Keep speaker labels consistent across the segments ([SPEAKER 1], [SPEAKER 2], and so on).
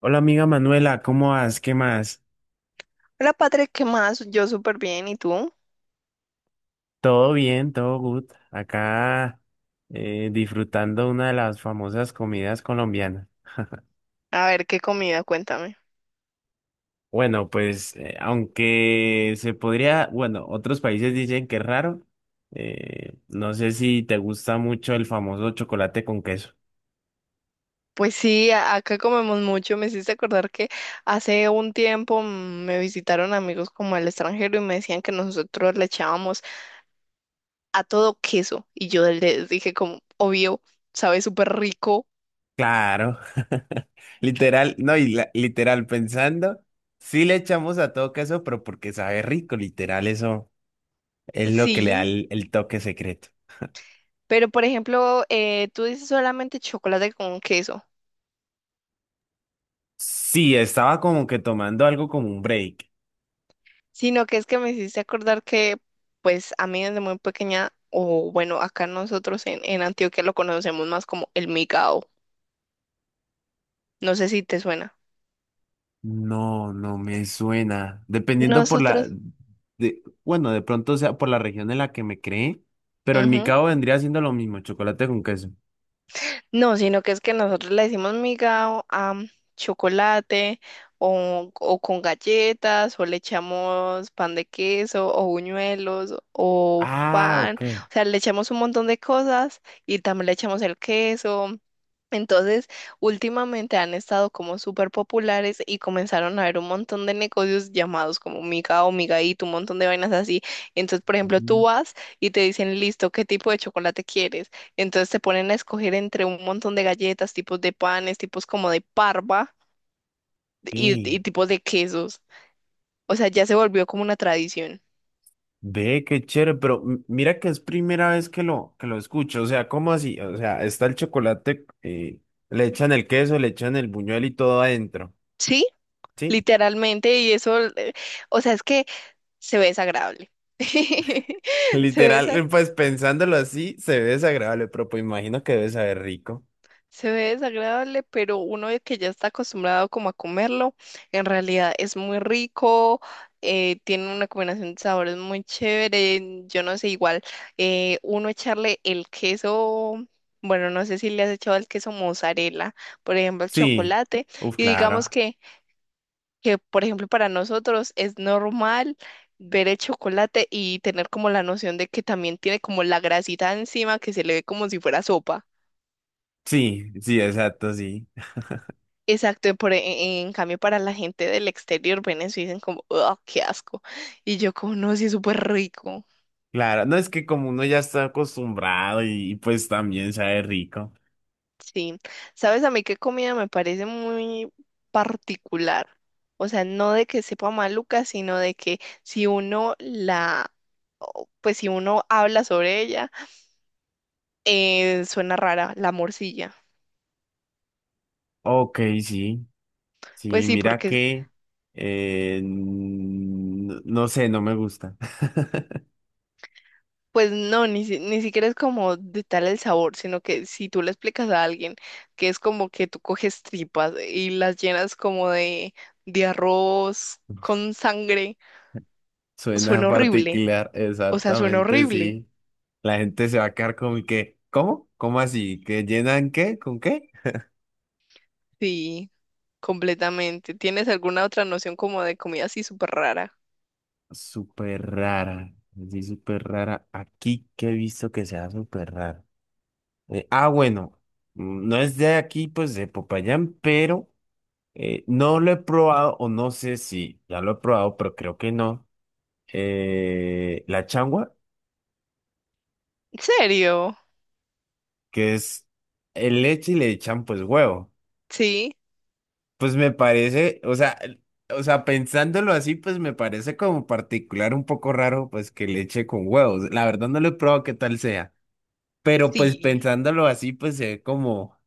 [SPEAKER 1] Hola amiga Manuela, ¿cómo vas? ¿Qué más?
[SPEAKER 2] Hola, Patrick, ¿qué más? Yo súper bien, ¿y tú?
[SPEAKER 1] Todo bien, todo good. Acá disfrutando una de las famosas comidas colombianas.
[SPEAKER 2] A ver, ¿qué comida? Cuéntame.
[SPEAKER 1] Bueno, pues aunque se podría, bueno, otros países dicen que es raro. No sé si te gusta mucho el famoso chocolate con queso.
[SPEAKER 2] Pues sí, acá comemos mucho. Me hiciste acordar que hace un tiempo me visitaron amigos como al extranjero y me decían que nosotros le echábamos a todo queso. Y yo les dije como, obvio, sabe súper rico.
[SPEAKER 1] Claro, literal, no, y literal pensando, sí le echamos a todo queso, pero porque sabe rico, literal, eso es lo que le da
[SPEAKER 2] Sí,
[SPEAKER 1] el toque secreto.
[SPEAKER 2] pero por ejemplo, tú dices solamente chocolate con queso.
[SPEAKER 1] Sí, estaba como que tomando algo como un break.
[SPEAKER 2] Sino que es que me hiciste acordar que, pues, a mí desde muy pequeña, o bueno, acá nosotros en Antioquia lo conocemos más como el migao. No sé si te suena.
[SPEAKER 1] No, no me suena. Dependiendo por
[SPEAKER 2] Nosotros,
[SPEAKER 1] bueno, de pronto sea por la región en la que me creé, pero el
[SPEAKER 2] ujú.
[SPEAKER 1] micao vendría siendo lo mismo, chocolate con queso.
[SPEAKER 2] No, sino que es que nosotros le decimos miga a chocolate o con galletas o le echamos pan de queso o buñuelos o
[SPEAKER 1] Ah,
[SPEAKER 2] pan,
[SPEAKER 1] ok.
[SPEAKER 2] o sea, le echamos un montón de cosas y también le echamos el queso. Entonces, últimamente han estado como súper populares y comenzaron a haber un montón de negocios llamados como miga o migaíto, un montón de vainas así. Entonces, por ejemplo, tú
[SPEAKER 1] Ujú.
[SPEAKER 2] vas y te dicen, listo, ¿qué tipo de chocolate quieres? Entonces te ponen a escoger entre un montón de galletas, tipos de panes, tipos como de parva y,
[SPEAKER 1] Ok.
[SPEAKER 2] y tipos de quesos. O sea, ya se volvió como una tradición.
[SPEAKER 1] Ve, qué chévere, pero mira que es primera vez que que lo escucho. O sea, ¿cómo así? O sea, está el chocolate, le echan el queso, le echan el buñuel y todo adentro.
[SPEAKER 2] Sí,
[SPEAKER 1] ¿Sí?
[SPEAKER 2] literalmente, y eso, o sea, es que se ve desagradable. Se ve
[SPEAKER 1] Literal,
[SPEAKER 2] desagradable.
[SPEAKER 1] pues pensándolo así, se ve desagradable, pero pues imagino que debe saber rico.
[SPEAKER 2] Se ve desagradable, pero uno que ya está acostumbrado como a comerlo, en realidad es muy rico, tiene una combinación de sabores muy chévere, yo no sé, igual uno echarle el queso, bueno, no sé si le has echado el queso mozzarella, por ejemplo, el
[SPEAKER 1] Sí,
[SPEAKER 2] chocolate,
[SPEAKER 1] uf,
[SPEAKER 2] y
[SPEAKER 1] claro.
[SPEAKER 2] digamos que, por ejemplo, para nosotros es normal ver el chocolate y tener como la noción de que también tiene como la grasita encima que se le ve como si fuera sopa.
[SPEAKER 1] Sí, sí, exacto, sí.
[SPEAKER 2] Exacto, por, en cambio para la gente del exterior ven eso y dicen como, oh, qué asco. Y yo como, no, sí, es súper rico.
[SPEAKER 1] Claro, no es que como uno ya está acostumbrado y pues también sabe rico.
[SPEAKER 2] Sí. ¿Sabes a mí qué comida me parece muy particular? O sea, no de que sepa maluca, sino de que si uno la, o, pues si uno habla sobre ella, suena rara la morcilla.
[SPEAKER 1] Ok, sí,
[SPEAKER 2] Pues
[SPEAKER 1] sí,
[SPEAKER 2] sí,
[SPEAKER 1] mira
[SPEAKER 2] porque
[SPEAKER 1] que, no sé, no me gusta.
[SPEAKER 2] pues no, ni, ni siquiera es como de tal el sabor, sino que si tú le explicas a alguien que es como que tú coges tripas y las llenas como de arroz con sangre,
[SPEAKER 1] Suena
[SPEAKER 2] suena horrible.
[SPEAKER 1] particular,
[SPEAKER 2] O sea, suena
[SPEAKER 1] exactamente,
[SPEAKER 2] horrible.
[SPEAKER 1] sí. La gente se va a quedar como que, ¿cómo? ¿Cómo así? ¿Que llenan qué? ¿Con qué?
[SPEAKER 2] Sí, completamente. ¿Tienes alguna otra noción como de comida así súper rara?
[SPEAKER 1] Súper rara. Sí, súper rara. Aquí que he visto que sea súper rara. Bueno. No es de aquí, pues de Popayán, pero no lo he probado, o no sé si ya lo he probado, pero creo que no. La changua,
[SPEAKER 2] ¿En serio?
[SPEAKER 1] que es el leche y le echan pues huevo.
[SPEAKER 2] Sí,
[SPEAKER 1] Pues me parece, o sea, o sea, pensándolo así, pues me parece como particular un poco raro, pues que leche con huevos. La verdad no lo he probado qué tal sea. Pero pues
[SPEAKER 2] sí.
[SPEAKER 1] pensándolo así, pues se ve como,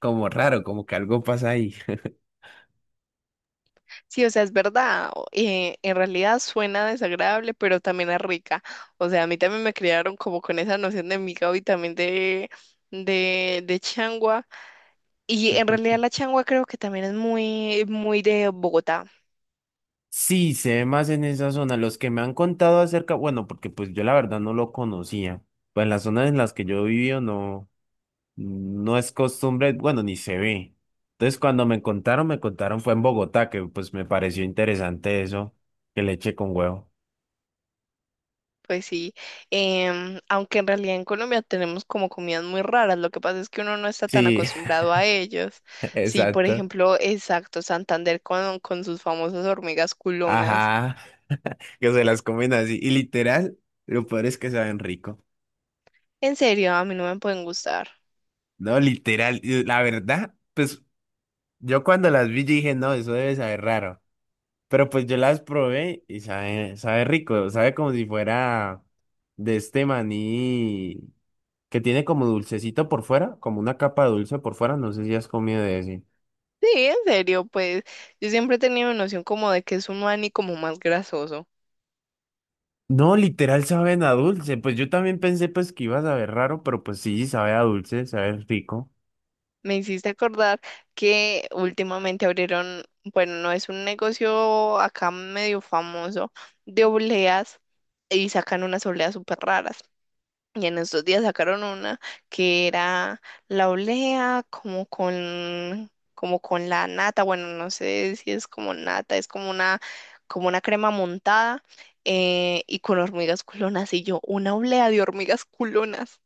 [SPEAKER 1] como raro, como que algo pasa ahí.
[SPEAKER 2] Sí, o sea, es verdad. En realidad suena desagradable, pero también es rica. O sea, a mí también me criaron como con esa noción de migao y también de changua. Y en realidad la changua creo que también es muy, muy de Bogotá.
[SPEAKER 1] Sí, se ve más en esa zona. Los que me han contado acerca, bueno, porque pues yo la verdad no lo conocía. Pues en las zonas en las que yo he vivido no, no es costumbre, bueno, ni se ve. Entonces cuando me contaron fue en Bogotá, que pues me pareció interesante eso, que leche con huevo.
[SPEAKER 2] Pues sí, aunque en realidad en Colombia tenemos como comidas muy raras, lo que pasa es que uno no está tan
[SPEAKER 1] Sí,
[SPEAKER 2] acostumbrado a ellos. Sí, por
[SPEAKER 1] exacto.
[SPEAKER 2] ejemplo, exacto, Santander con sus famosas hormigas culonas.
[SPEAKER 1] Ajá, que se las comen así. Y literal, lo peor es que saben rico.
[SPEAKER 2] En serio, a mí no me pueden gustar.
[SPEAKER 1] No, literal, y la verdad, pues yo cuando las vi yo dije, no, eso debe saber raro. Pero pues yo las probé y sabe rico, sabe como si fuera de este maní que tiene como dulcecito por fuera, como una capa dulce por fuera, no sé si has comido de ese.
[SPEAKER 2] Sí, en serio, pues yo siempre he tenido noción como de que es un maní como más grasoso.
[SPEAKER 1] No, literal saben a dulce, pues yo también pensé pues que iba a saber raro, pero pues sí, sabe a dulce, sabe rico.
[SPEAKER 2] Me hiciste acordar que últimamente abrieron, bueno, no es un negocio acá medio famoso de obleas y sacan unas obleas súper raras. Y en estos días sacaron una que era la olea como con la nata, bueno, no sé si es como nata, es como una crema montada y con hormigas culonas. Y yo, una olea de hormigas culonas.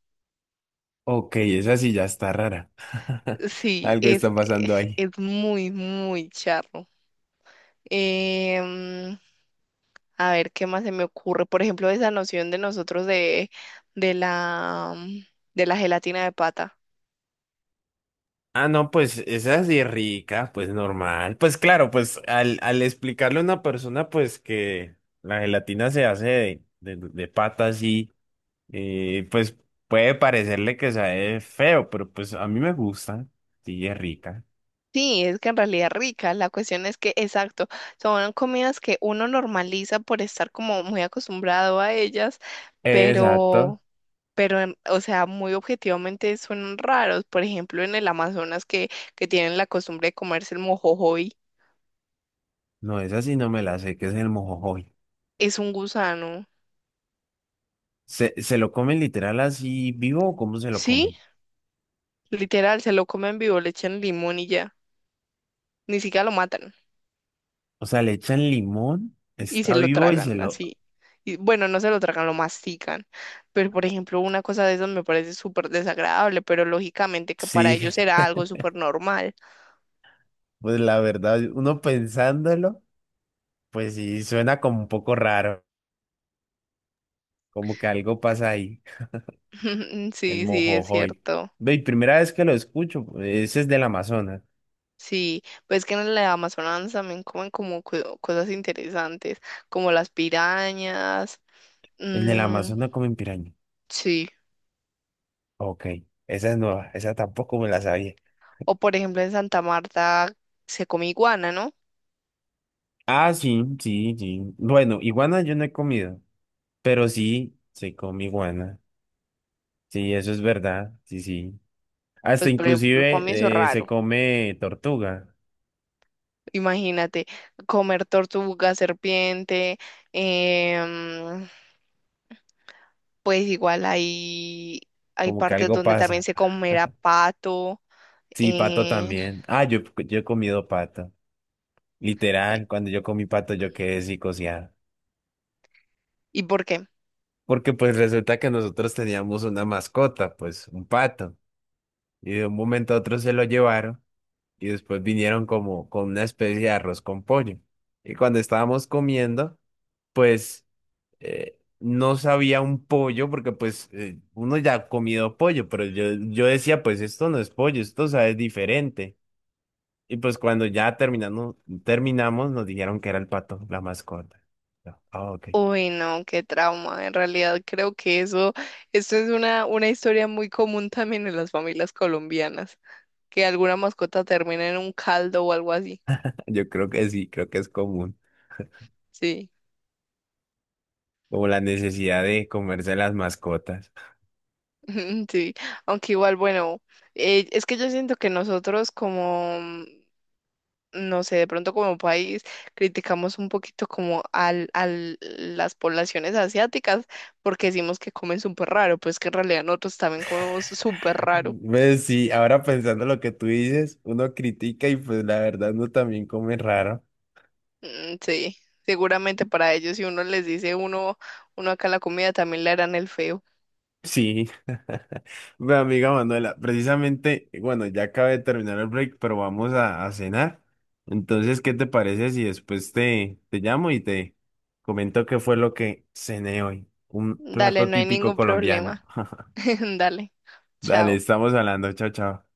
[SPEAKER 1] Ok, esa sí ya está rara.
[SPEAKER 2] Sí,
[SPEAKER 1] Algo está pasando ahí.
[SPEAKER 2] es muy, muy charro. Em, a ver, ¿qué más se me ocurre? Por ejemplo, esa noción de nosotros de la, de la gelatina de pata.
[SPEAKER 1] Ah, no, pues esa sí es así rica, pues normal. Pues claro, pues al explicarle a una persona, pues que la gelatina se hace de pata así, pues puede parecerle que sabe feo, pero pues a mí me gusta, sí es rica.
[SPEAKER 2] Sí, es que en realidad es rica. La cuestión es que, exacto, son comidas que uno normaliza por estar como muy acostumbrado a ellas,
[SPEAKER 1] Exacto.
[SPEAKER 2] pero, pero, o sea, muy objetivamente son raros. Por ejemplo, en el Amazonas que tienen la costumbre de comerse el mojojoy,
[SPEAKER 1] No, esa sí no me la sé, que es el mojojoy.
[SPEAKER 2] es un gusano.
[SPEAKER 1] Se lo comen literal así vivo o cómo se lo
[SPEAKER 2] Sí,
[SPEAKER 1] comen?
[SPEAKER 2] literal, se lo comen vivo, le echan limón y ya. Ni siquiera lo matan.
[SPEAKER 1] O sea, le echan limón,
[SPEAKER 2] Y se
[SPEAKER 1] está
[SPEAKER 2] lo
[SPEAKER 1] vivo y se
[SPEAKER 2] tragan
[SPEAKER 1] lo...
[SPEAKER 2] así. Y, bueno, no se lo tragan, lo mastican. Pero, por ejemplo, una cosa de esas me parece súper desagradable, pero lógicamente que para
[SPEAKER 1] Sí,
[SPEAKER 2] ellos era algo súper normal.
[SPEAKER 1] pues la verdad, uno pensándolo. Pues sí, suena como un poco raro, como que algo pasa ahí, el
[SPEAKER 2] Sí, sí, es
[SPEAKER 1] mojojoy.
[SPEAKER 2] cierto.
[SPEAKER 1] Ve, y primera vez que lo escucho, ese es del Amazonas.
[SPEAKER 2] Sí, pues que en la Amazonas también comen como cosas interesantes, como las pirañas.
[SPEAKER 1] El del
[SPEAKER 2] Mm,
[SPEAKER 1] Amazonas comen piraña.
[SPEAKER 2] sí,
[SPEAKER 1] Ok, esa es nueva, esa tampoco me la sabía.
[SPEAKER 2] o por ejemplo en Santa Marta se come iguana, ¿no?
[SPEAKER 1] Ah, sí, sí, sí. Bueno, iguana yo no he comido, pero sí se come iguana. Sí, eso es verdad, sí, sí. Hasta
[SPEAKER 2] Pues por ejemplo, para mí eso es
[SPEAKER 1] inclusive se
[SPEAKER 2] raro.
[SPEAKER 1] come tortuga,
[SPEAKER 2] Imagínate, comer tortuga, serpiente, em, pues igual hay, hay
[SPEAKER 1] como que
[SPEAKER 2] partes
[SPEAKER 1] algo
[SPEAKER 2] donde también
[SPEAKER 1] pasa.
[SPEAKER 2] se comerá pato.
[SPEAKER 1] Sí, pato
[SPEAKER 2] eh,
[SPEAKER 1] también. Yo he comido pato. Literal, cuando yo comí pato yo quedé psicoseado.
[SPEAKER 2] ¿Y por qué?
[SPEAKER 1] Porque pues resulta que nosotros teníamos una mascota, pues un pato. Y de un momento a otro se lo llevaron y después vinieron como con una especie de arroz con pollo. Y cuando estábamos comiendo, pues no sabía un pollo porque pues uno ya ha comido pollo, pero yo decía pues esto no es pollo, esto sabe diferente. Y pues cuando ya terminamos nos dijeron que era el pato, la mascota. Yo, ah, ok.
[SPEAKER 2] Uy, no, qué trauma. En realidad creo que eso es una historia muy común también en las familias colombianas, que alguna mascota termina en un caldo o algo así.
[SPEAKER 1] Yo creo que sí, creo que es común,
[SPEAKER 2] Sí,
[SPEAKER 1] como la necesidad de comerse las mascotas.
[SPEAKER 2] sí. Aunque igual, bueno, es que yo siento que nosotros como no sé, de pronto como país criticamos un poquito como al, al las poblaciones asiáticas porque decimos que comen súper raro, pues que en realidad nosotros también comemos súper raro.
[SPEAKER 1] Pues sí, ahora pensando lo que tú dices, uno critica y pues la verdad uno también come raro.
[SPEAKER 2] Mm, sí, seguramente para ellos si uno les dice uno, uno acá la comida también le harán el feo.
[SPEAKER 1] Sí. Bueno, amiga Manuela, precisamente, bueno, ya acabé de terminar el break, pero vamos a cenar. Entonces, ¿qué te parece si después te llamo y te comento qué fue lo que cené hoy? Un
[SPEAKER 2] Dale,
[SPEAKER 1] plato
[SPEAKER 2] no hay
[SPEAKER 1] típico
[SPEAKER 2] ningún
[SPEAKER 1] colombiano.
[SPEAKER 2] problema. Dale,
[SPEAKER 1] Dale,
[SPEAKER 2] chao.
[SPEAKER 1] estamos hablando. Chao, chao.